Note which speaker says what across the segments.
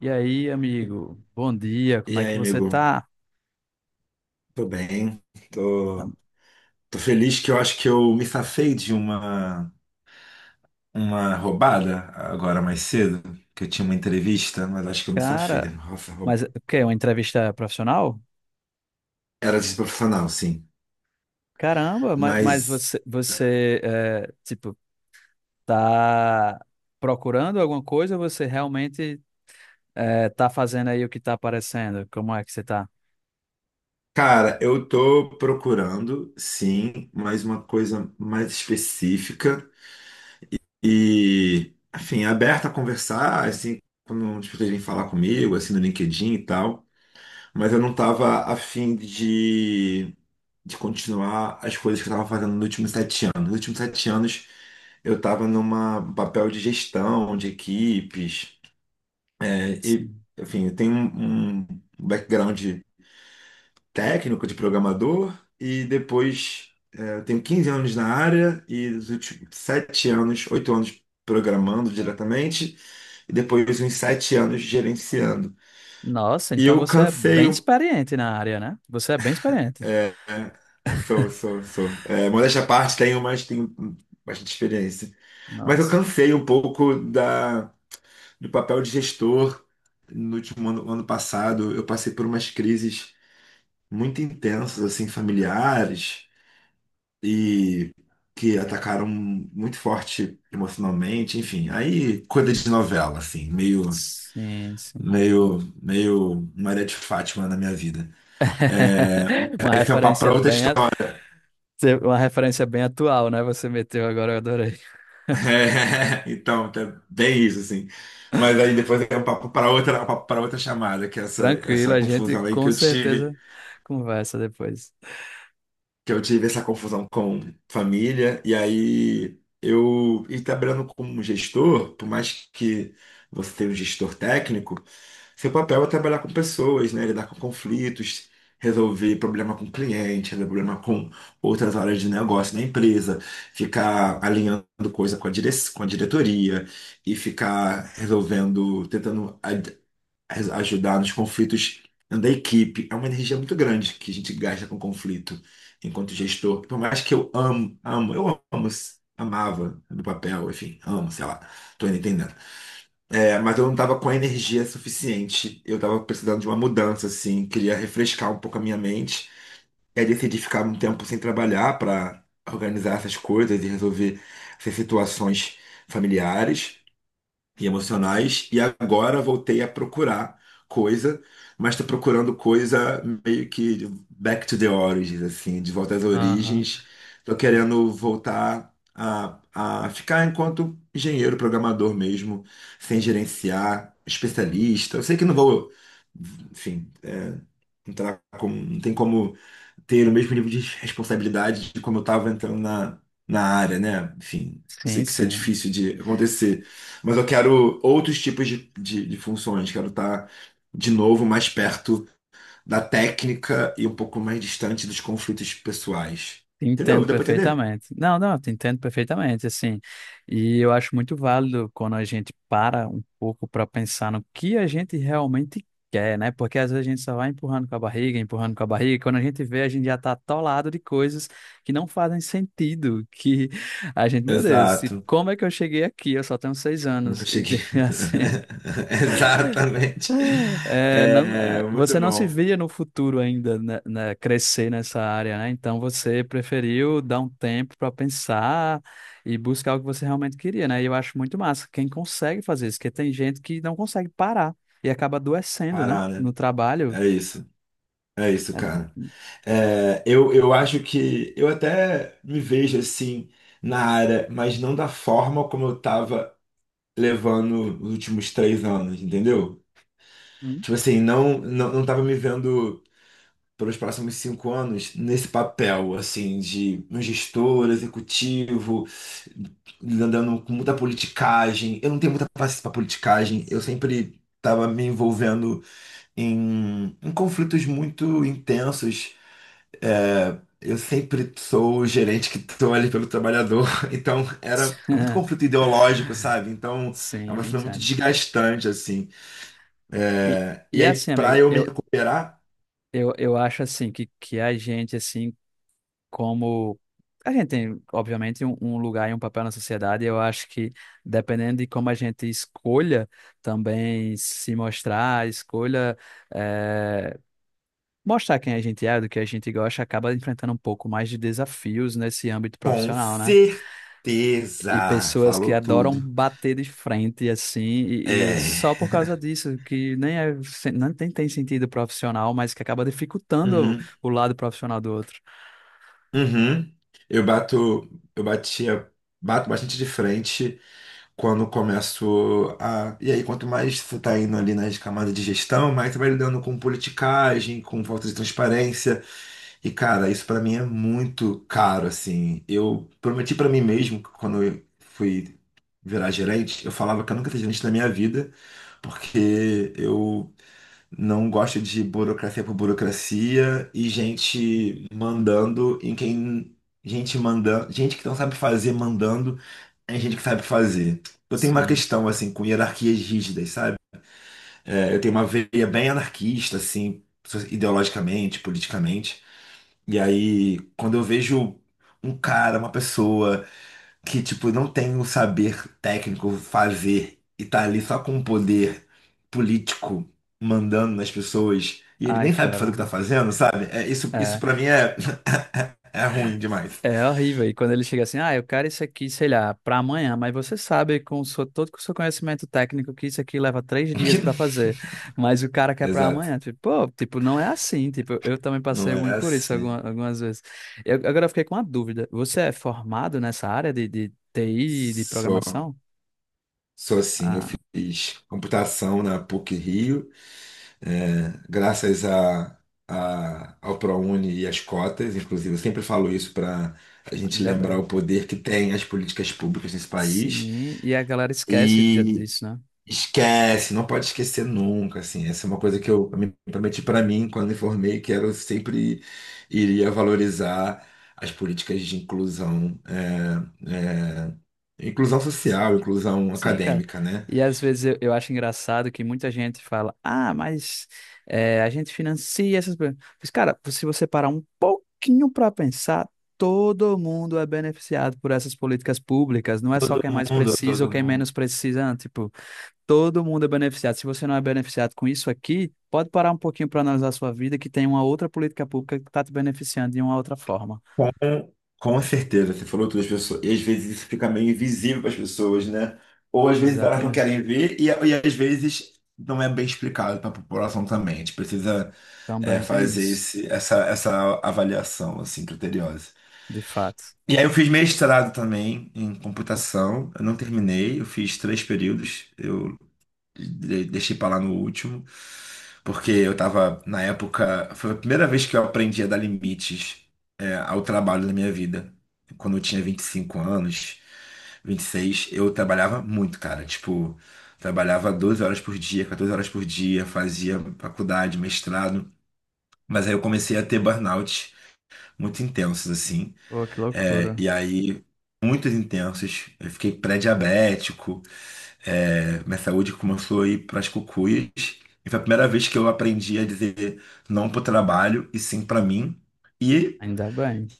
Speaker 1: E aí, amigo? Bom dia, como
Speaker 2: E
Speaker 1: é que
Speaker 2: aí,
Speaker 1: você
Speaker 2: amigo?
Speaker 1: tá?
Speaker 2: Tô bem. Tô, tô feliz que eu acho que eu me safei de uma roubada agora mais cedo, que eu tinha uma entrevista, mas acho que eu me safei.
Speaker 1: Cara,
Speaker 2: Nossa,
Speaker 1: mas
Speaker 2: roubada.
Speaker 1: o quê? Uma entrevista profissional?
Speaker 2: Era desprofissional, sim.
Speaker 1: Caramba, mas
Speaker 2: Mas,
Speaker 1: você é, tipo, tá procurando alguma coisa ou você realmente é, tá fazendo aí o que tá aparecendo? Como é que você tá?
Speaker 2: cara, eu tô procurando, sim, mais uma coisa mais específica e, enfim, aberta a conversar, assim, quando as pessoas vêm falar comigo, assim, no LinkedIn e tal. Mas eu não tava afim de continuar as coisas que eu estava fazendo nos últimos 7 anos. Nos últimos sete anos, eu estava numa um papel de gestão de equipes, né? E,
Speaker 1: Sim.
Speaker 2: enfim, eu tenho um background técnico de programador e depois eu tenho 15 anos na área e os últimos 7 anos, 8 anos programando diretamente e depois uns 7 anos gerenciando.
Speaker 1: Nossa,
Speaker 2: E
Speaker 1: então
Speaker 2: eu
Speaker 1: você é
Speaker 2: cansei
Speaker 1: bem
Speaker 2: um
Speaker 1: experiente na área, né? Você é bem experiente.
Speaker 2: É, sou, sou, sou. É, modéstia à parte, tenho, mas tenho bastante experiência. Mas eu
Speaker 1: Nossa.
Speaker 2: cansei um pouco da, do papel de gestor no último ano, ano passado. Eu passei por umas crises muito intensas, assim, familiares, e que atacaram muito forte emocionalmente. Enfim, aí coisa de novela, assim, meio,
Speaker 1: Sim, sim.
Speaker 2: meio, meio Maria de Fátima na minha vida.
Speaker 1: Uma
Speaker 2: Esse é um papo
Speaker 1: referência
Speaker 2: para outra
Speaker 1: bem,
Speaker 2: história.
Speaker 1: Uma referência bem atual, né? Você meteu agora, eu adorei.
Speaker 2: É, então, tá bem isso, assim. Mas aí depois é um papo para outra, chamada, que é essa,
Speaker 1: Tranquilo,
Speaker 2: essa
Speaker 1: a gente
Speaker 2: confusão aí que
Speaker 1: com
Speaker 2: eu tive.
Speaker 1: certeza conversa depois.
Speaker 2: Que eu tive essa confusão com família, e aí e trabalhando como gestor, por mais que você tenha um gestor técnico, seu papel é trabalhar com pessoas, né? Lidar com conflitos, resolver problema com cliente, resolver problema com outras áreas de negócio na empresa, ficar alinhando coisa com a diretoria e ficar resolvendo, tentando ajudar nos conflitos da equipe. É uma energia muito grande que a gente gasta com conflito enquanto gestor. Por mais que eu amo, eu amo, amava no papel, enfim, amo, sei lá, tô entendendo. É, mas eu não tava com a energia suficiente. Eu tava precisando de uma mudança, assim, queria refrescar um pouco a minha mente. E aí decidi ficar um tempo sem trabalhar para organizar essas coisas e resolver essas situações familiares e emocionais, e agora voltei a procurar coisa, mas estou procurando coisa meio que back to the origins, assim, de volta às
Speaker 1: Aham.
Speaker 2: origens. Estou querendo voltar a ficar enquanto engenheiro, programador mesmo, sem gerenciar, especialista. Eu sei que não vou, enfim, entrar com, não tem como ter o mesmo nível de responsabilidade de como eu estava entrando na área, né? Enfim, sei
Speaker 1: Sim,
Speaker 2: que isso é
Speaker 1: sim.
Speaker 2: difícil de acontecer, mas eu quero outros tipos de funções, quero estar de novo mais perto da técnica e um pouco mais distante dos conflitos pessoais.
Speaker 1: Te
Speaker 2: Entendeu?
Speaker 1: Entendo
Speaker 2: Deu para entender?
Speaker 1: perfeitamente. Não, não, eu te entendo perfeitamente, assim. E eu acho muito válido quando a gente para um pouco para pensar no que a gente realmente quer, né? Porque às vezes a gente só vai empurrando com a barriga, empurrando com a barriga, e quando a gente vê, a gente já tá atolado de coisas que não fazem sentido, que a gente, meu Deus,
Speaker 2: Exato.
Speaker 1: como é que eu cheguei aqui? Eu só tenho seis
Speaker 2: Nunca
Speaker 1: anos. E
Speaker 2: cheguei.
Speaker 1: assim,
Speaker 2: Exatamente.
Speaker 1: é, não, é,
Speaker 2: É,
Speaker 1: você
Speaker 2: muito
Speaker 1: não se
Speaker 2: bom
Speaker 1: via no futuro ainda né, crescer nessa área, né? Então você preferiu dar um tempo para pensar e buscar o que você realmente queria, né? E eu acho muito massa quem consegue fazer isso, porque tem gente que não consegue parar e acaba adoecendo, né?
Speaker 2: parar, né?
Speaker 1: No trabalho.
Speaker 2: É isso. É isso,
Speaker 1: É,
Speaker 2: cara. É, eu acho que eu até me vejo assim na área, mas não da forma como eu tava levando os últimos 3 anos, entendeu?
Speaker 1: hum.
Speaker 2: Tipo assim, não, não tava me vendo pelos próximos 5 anos nesse papel, assim, de um gestor, executivo, andando com muita politicagem. Eu não tenho muita paciência pra politicagem, eu sempre. Estava me envolvendo em conflitos muito intensos. É, eu sempre sou o gerente que estou ali pelo trabalhador, então era é muito conflito ideológico, sabe? Então é
Speaker 1: Sim,
Speaker 2: uma
Speaker 1: eu
Speaker 2: cena muito
Speaker 1: entendo.
Speaker 2: desgastante, assim.
Speaker 1: E,
Speaker 2: É, e
Speaker 1: e
Speaker 2: aí,
Speaker 1: assim,
Speaker 2: pra
Speaker 1: amigo,
Speaker 2: eu me
Speaker 1: eu,
Speaker 2: recuperar,
Speaker 1: eu, eu acho assim que a gente, assim, como. A gente tem, obviamente, um lugar e um papel na sociedade, e eu acho que, dependendo de como a gente escolha também se mostrar, escolha eh, mostrar quem a gente é, do que a gente gosta, acaba enfrentando um pouco mais de desafios nesse âmbito
Speaker 2: com
Speaker 1: profissional, né? E
Speaker 2: certeza,
Speaker 1: pessoas que
Speaker 2: falou
Speaker 1: adoram
Speaker 2: tudo.
Speaker 1: bater de frente, assim, e
Speaker 2: É,
Speaker 1: só por causa disso, que nem é, nem tem, tem sentido profissional, mas que acaba dificultando
Speaker 2: uhum,
Speaker 1: o lado profissional do outro.
Speaker 2: uhum. Eu bato, eu batia, bato bastante de frente quando começo a. E aí, quanto mais você tá indo ali nas camadas de gestão, mais você vai lidando com politicagem, com falta de transparência. E, cara, isso pra mim é muito caro, assim. Eu prometi pra mim mesmo que, quando eu fui virar gerente, eu falava que eu nunca ia ser gerente na minha vida, porque eu não gosto de burocracia por burocracia e gente mandando em quem... Gente mandando... Gente que não sabe fazer mandando em gente que sabe fazer. Eu tenho uma
Speaker 1: Sim.
Speaker 2: questão, assim, com hierarquias rígidas, sabe? É, eu tenho uma veia bem anarquista, assim, ideologicamente, politicamente. E aí, quando eu vejo um cara, uma pessoa que, tipo, não tem um saber técnico fazer e tá ali só com um poder político mandando nas pessoas, e ele
Speaker 1: Ai,
Speaker 2: nem sabe fazer o
Speaker 1: cara.
Speaker 2: que tá fazendo, sabe? É, isso,
Speaker 1: É.
Speaker 2: pra mim é, é ruim demais.
Speaker 1: É horrível. E quando ele chega assim, ah, eu quero isso aqui, sei lá, para amanhã, mas você sabe com o seu, todo com o seu conhecimento técnico que isso aqui leva três dias para fazer, mas o cara quer para
Speaker 2: Exato.
Speaker 1: amanhã. Tipo, pô, tipo, não é assim. Tipo, eu também passei
Speaker 2: Não é
Speaker 1: muito por isso
Speaker 2: assim.
Speaker 1: algumas vezes. Agora eu fiquei com uma dúvida. Você é formado nessa área de TI, e de
Speaker 2: Sou,
Speaker 1: programação?
Speaker 2: sou assim. Eu
Speaker 1: Ah,
Speaker 2: fiz computação na PUC-Rio. Graças a, ao ProUni e às cotas, inclusive, eu sempre falo isso para a gente
Speaker 1: ainda
Speaker 2: lembrar
Speaker 1: bem.
Speaker 2: o poder que tem as políticas públicas nesse país.
Speaker 1: Sim, e a galera esquece
Speaker 2: E
Speaker 1: disso, né?
Speaker 2: esquece, não pode esquecer nunca, assim, essa é uma coisa que eu me prometi para mim quando me formei, que era eu sempre iria valorizar as políticas de inclusão, inclusão social, inclusão
Speaker 1: Sim, cara.
Speaker 2: acadêmica, né?
Speaker 1: E às vezes eu acho engraçado que muita gente fala, ah, mas é, a gente financia essas coisas. Mas, cara, se você parar um pouquinho para pensar, todo mundo é beneficiado por essas políticas públicas. Não é só
Speaker 2: Todo
Speaker 1: quem é mais
Speaker 2: mundo,
Speaker 1: precisa ou
Speaker 2: todo
Speaker 1: quem é
Speaker 2: mundo.
Speaker 1: menos precisa. Não. Tipo, todo mundo é beneficiado. Se você não é beneficiado com isso aqui, pode parar um pouquinho para analisar a sua vida, que tem uma outra política pública que está te beneficiando de uma outra forma.
Speaker 2: Com, com certeza, você falou todas as pessoas, e às vezes isso fica meio invisível para as pessoas, né? Ou às vezes elas não
Speaker 1: Exatamente.
Speaker 2: querem ver, e às vezes não é bem explicado para a população também. A gente precisa
Speaker 1: Também tem
Speaker 2: fazer
Speaker 1: isso,
Speaker 2: esse, essa avaliação assim, criteriosa.
Speaker 1: de fato.
Speaker 2: E aí eu fiz mestrado também em computação, eu não terminei, eu fiz três períodos. Eu deixei pra lá no último, porque eu tava, na época, foi a primeira vez que eu aprendi a dar limites, ao trabalho na minha vida. Quando eu tinha 25 anos, 26, eu trabalhava muito, cara. Tipo, trabalhava 12 horas por dia, 14 horas por dia, fazia faculdade, mestrado. Mas aí eu comecei a ter burnout muito intensos, assim.
Speaker 1: Pô, que
Speaker 2: É,
Speaker 1: loucura.
Speaker 2: e aí, muitos intensos. Eu fiquei pré-diabético. É, minha saúde começou a ir para as cucuias. E foi a primeira vez que eu aprendi a dizer não para o trabalho e sim para mim. E,
Speaker 1: Ainda bem.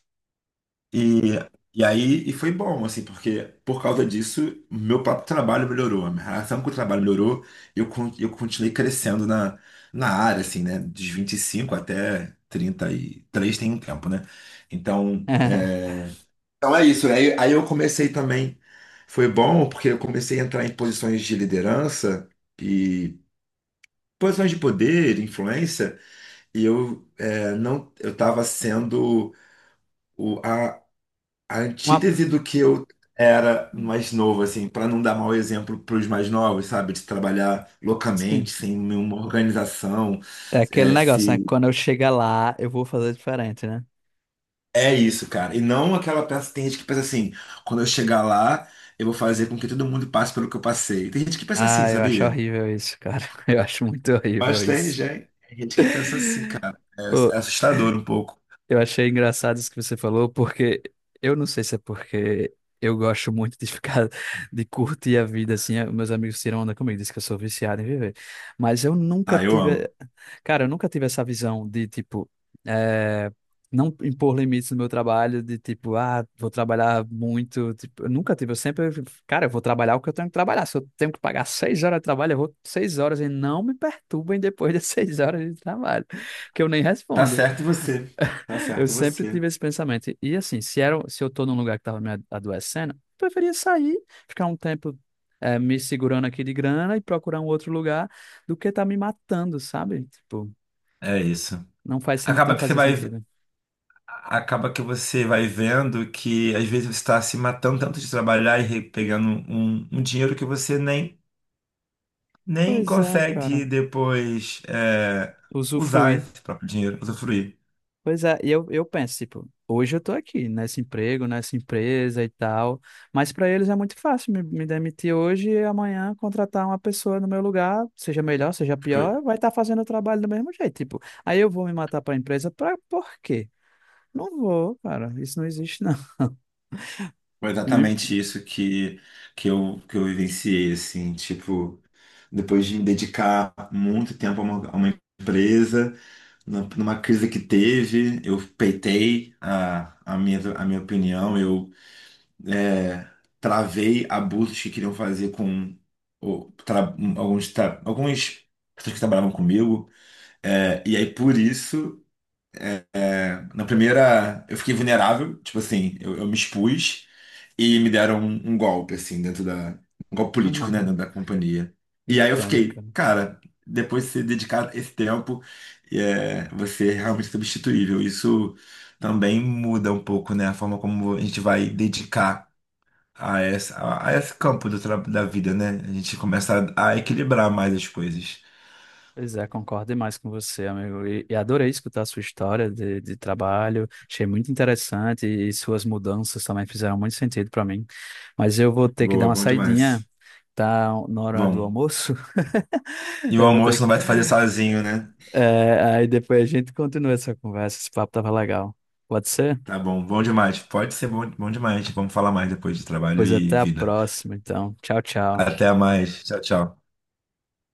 Speaker 2: e, e aí e foi bom, assim, porque por causa disso, meu próprio trabalho melhorou, a minha relação com o trabalho melhorou e eu continuei crescendo na área, assim, né? Dos 25 até 33 tem um tempo, né? Então. Então é isso. Aí eu comecei também. Foi bom porque eu comecei a entrar em posições de liderança e posições de poder, influência, e eu é, não eu estava sendo o, a
Speaker 1: Uma...
Speaker 2: antítese do que eu era mais novo, assim, para não dar mau exemplo para os mais novos, sabe? De trabalhar loucamente,
Speaker 1: Sim.
Speaker 2: sem nenhuma organização.
Speaker 1: É aquele negócio, né? Quando eu chegar lá, eu vou fazer diferente, né?
Speaker 2: É isso, cara. E não aquela peça. Tem gente que pensa assim, quando eu chegar lá, eu vou fazer com que todo mundo passe pelo que eu passei. Tem gente que pensa assim,
Speaker 1: Ah, eu acho
Speaker 2: sabia?
Speaker 1: horrível isso, cara. Eu acho muito horrível
Speaker 2: Mas tem
Speaker 1: isso.
Speaker 2: gente, tem gente que pensa assim, cara. É,
Speaker 1: Pô,
Speaker 2: é assustador um pouco.
Speaker 1: eu achei engraçado isso que você falou, porque eu não sei se é porque eu gosto muito de ficar, de curtir a vida, assim. Meus amigos tiram onda comigo, dizem que eu sou viciado em viver. Mas eu nunca
Speaker 2: Ah, eu
Speaker 1: tive.
Speaker 2: amo.
Speaker 1: Cara, eu nunca tive essa visão de, tipo, eh, não impor limites no meu trabalho, de tipo, ah, vou trabalhar muito. Tipo, eu nunca tive. Eu sempre, cara, eu vou trabalhar o que eu tenho que trabalhar. Se eu tenho que pagar seis horas de trabalho, eu vou seis horas e não me perturbem depois das seis horas de trabalho, que eu nem
Speaker 2: Tá
Speaker 1: respondo.
Speaker 2: certo você. Tá
Speaker 1: Eu
Speaker 2: certo
Speaker 1: sempre
Speaker 2: você.
Speaker 1: tive esse pensamento. E assim, se era, se eu tô num lugar que tava me adoecendo, eu preferia sair, ficar um tempo. Me segurando aqui de grana e procurar um outro lugar do que tá me matando, sabe? Tipo,
Speaker 2: É isso.
Speaker 1: não faz, não
Speaker 2: Acaba que você
Speaker 1: fazia
Speaker 2: vai,
Speaker 1: sentido.
Speaker 2: acaba que você vai vendo que às vezes você está se matando tanto de trabalhar e pegando um dinheiro que você nem,
Speaker 1: Pois é, cara.
Speaker 2: consegue depois usar
Speaker 1: Usufruir.
Speaker 2: esse próprio dinheiro, usufruir.
Speaker 1: Pois é, e eu penso, tipo, hoje eu tô aqui, nesse emprego, nessa empresa e tal, mas pra eles é muito fácil me demitir hoje e amanhã contratar uma pessoa no meu lugar, seja melhor, seja
Speaker 2: Foi,
Speaker 1: pior, vai estar fazendo o trabalho do mesmo jeito. Tipo, aí eu vou me matar pra empresa, pra por quê? Não vou, cara, isso não existe, não.
Speaker 2: foi
Speaker 1: Não imp-
Speaker 2: exatamente isso que, que eu, que eu vivenciei, assim, tipo, depois de me dedicar muito tempo a uma empresa, numa crise que teve, eu peitei a, a minha opinião, eu é, travei abusos que queriam fazer com alguns pessoas que trabalhavam comigo, e aí por isso, na primeira, eu fiquei vulnerável, tipo assim, eu me expus, e me deram um golpe, assim, dentro da. Um golpe político, né,
Speaker 1: Aham,
Speaker 2: dentro da companhia. E aí eu
Speaker 1: entendo,
Speaker 2: fiquei,
Speaker 1: cara.
Speaker 2: cara, depois de se dedicar esse tempo, você é realmente substituível. Isso também muda um pouco, né, a forma como a gente vai dedicar a esse campo da vida, né? A gente começa a equilibrar mais as coisas.
Speaker 1: Pois é, concordo demais com você, amigo. E adorei escutar a sua história de trabalho. Achei muito interessante e suas mudanças também fizeram muito sentido para mim. Mas eu vou ter que dar
Speaker 2: Boa,
Speaker 1: uma
Speaker 2: bom
Speaker 1: saidinha,
Speaker 2: demais.
Speaker 1: tá? Na hora do
Speaker 2: Bom.
Speaker 1: almoço.
Speaker 2: E o
Speaker 1: Eu vou
Speaker 2: almoço
Speaker 1: ter que...
Speaker 2: não vai fazer sozinho, né?
Speaker 1: É, aí depois a gente continua essa conversa. Esse papo tava legal. Pode ser?
Speaker 2: Tá bom, bom demais. Pode ser bom, bom demais. Vamos falar mais depois de trabalho
Speaker 1: Pois
Speaker 2: e
Speaker 1: até a
Speaker 2: vida.
Speaker 1: próxima, então. Tchau, tchau.
Speaker 2: Até mais. Tchau, tchau.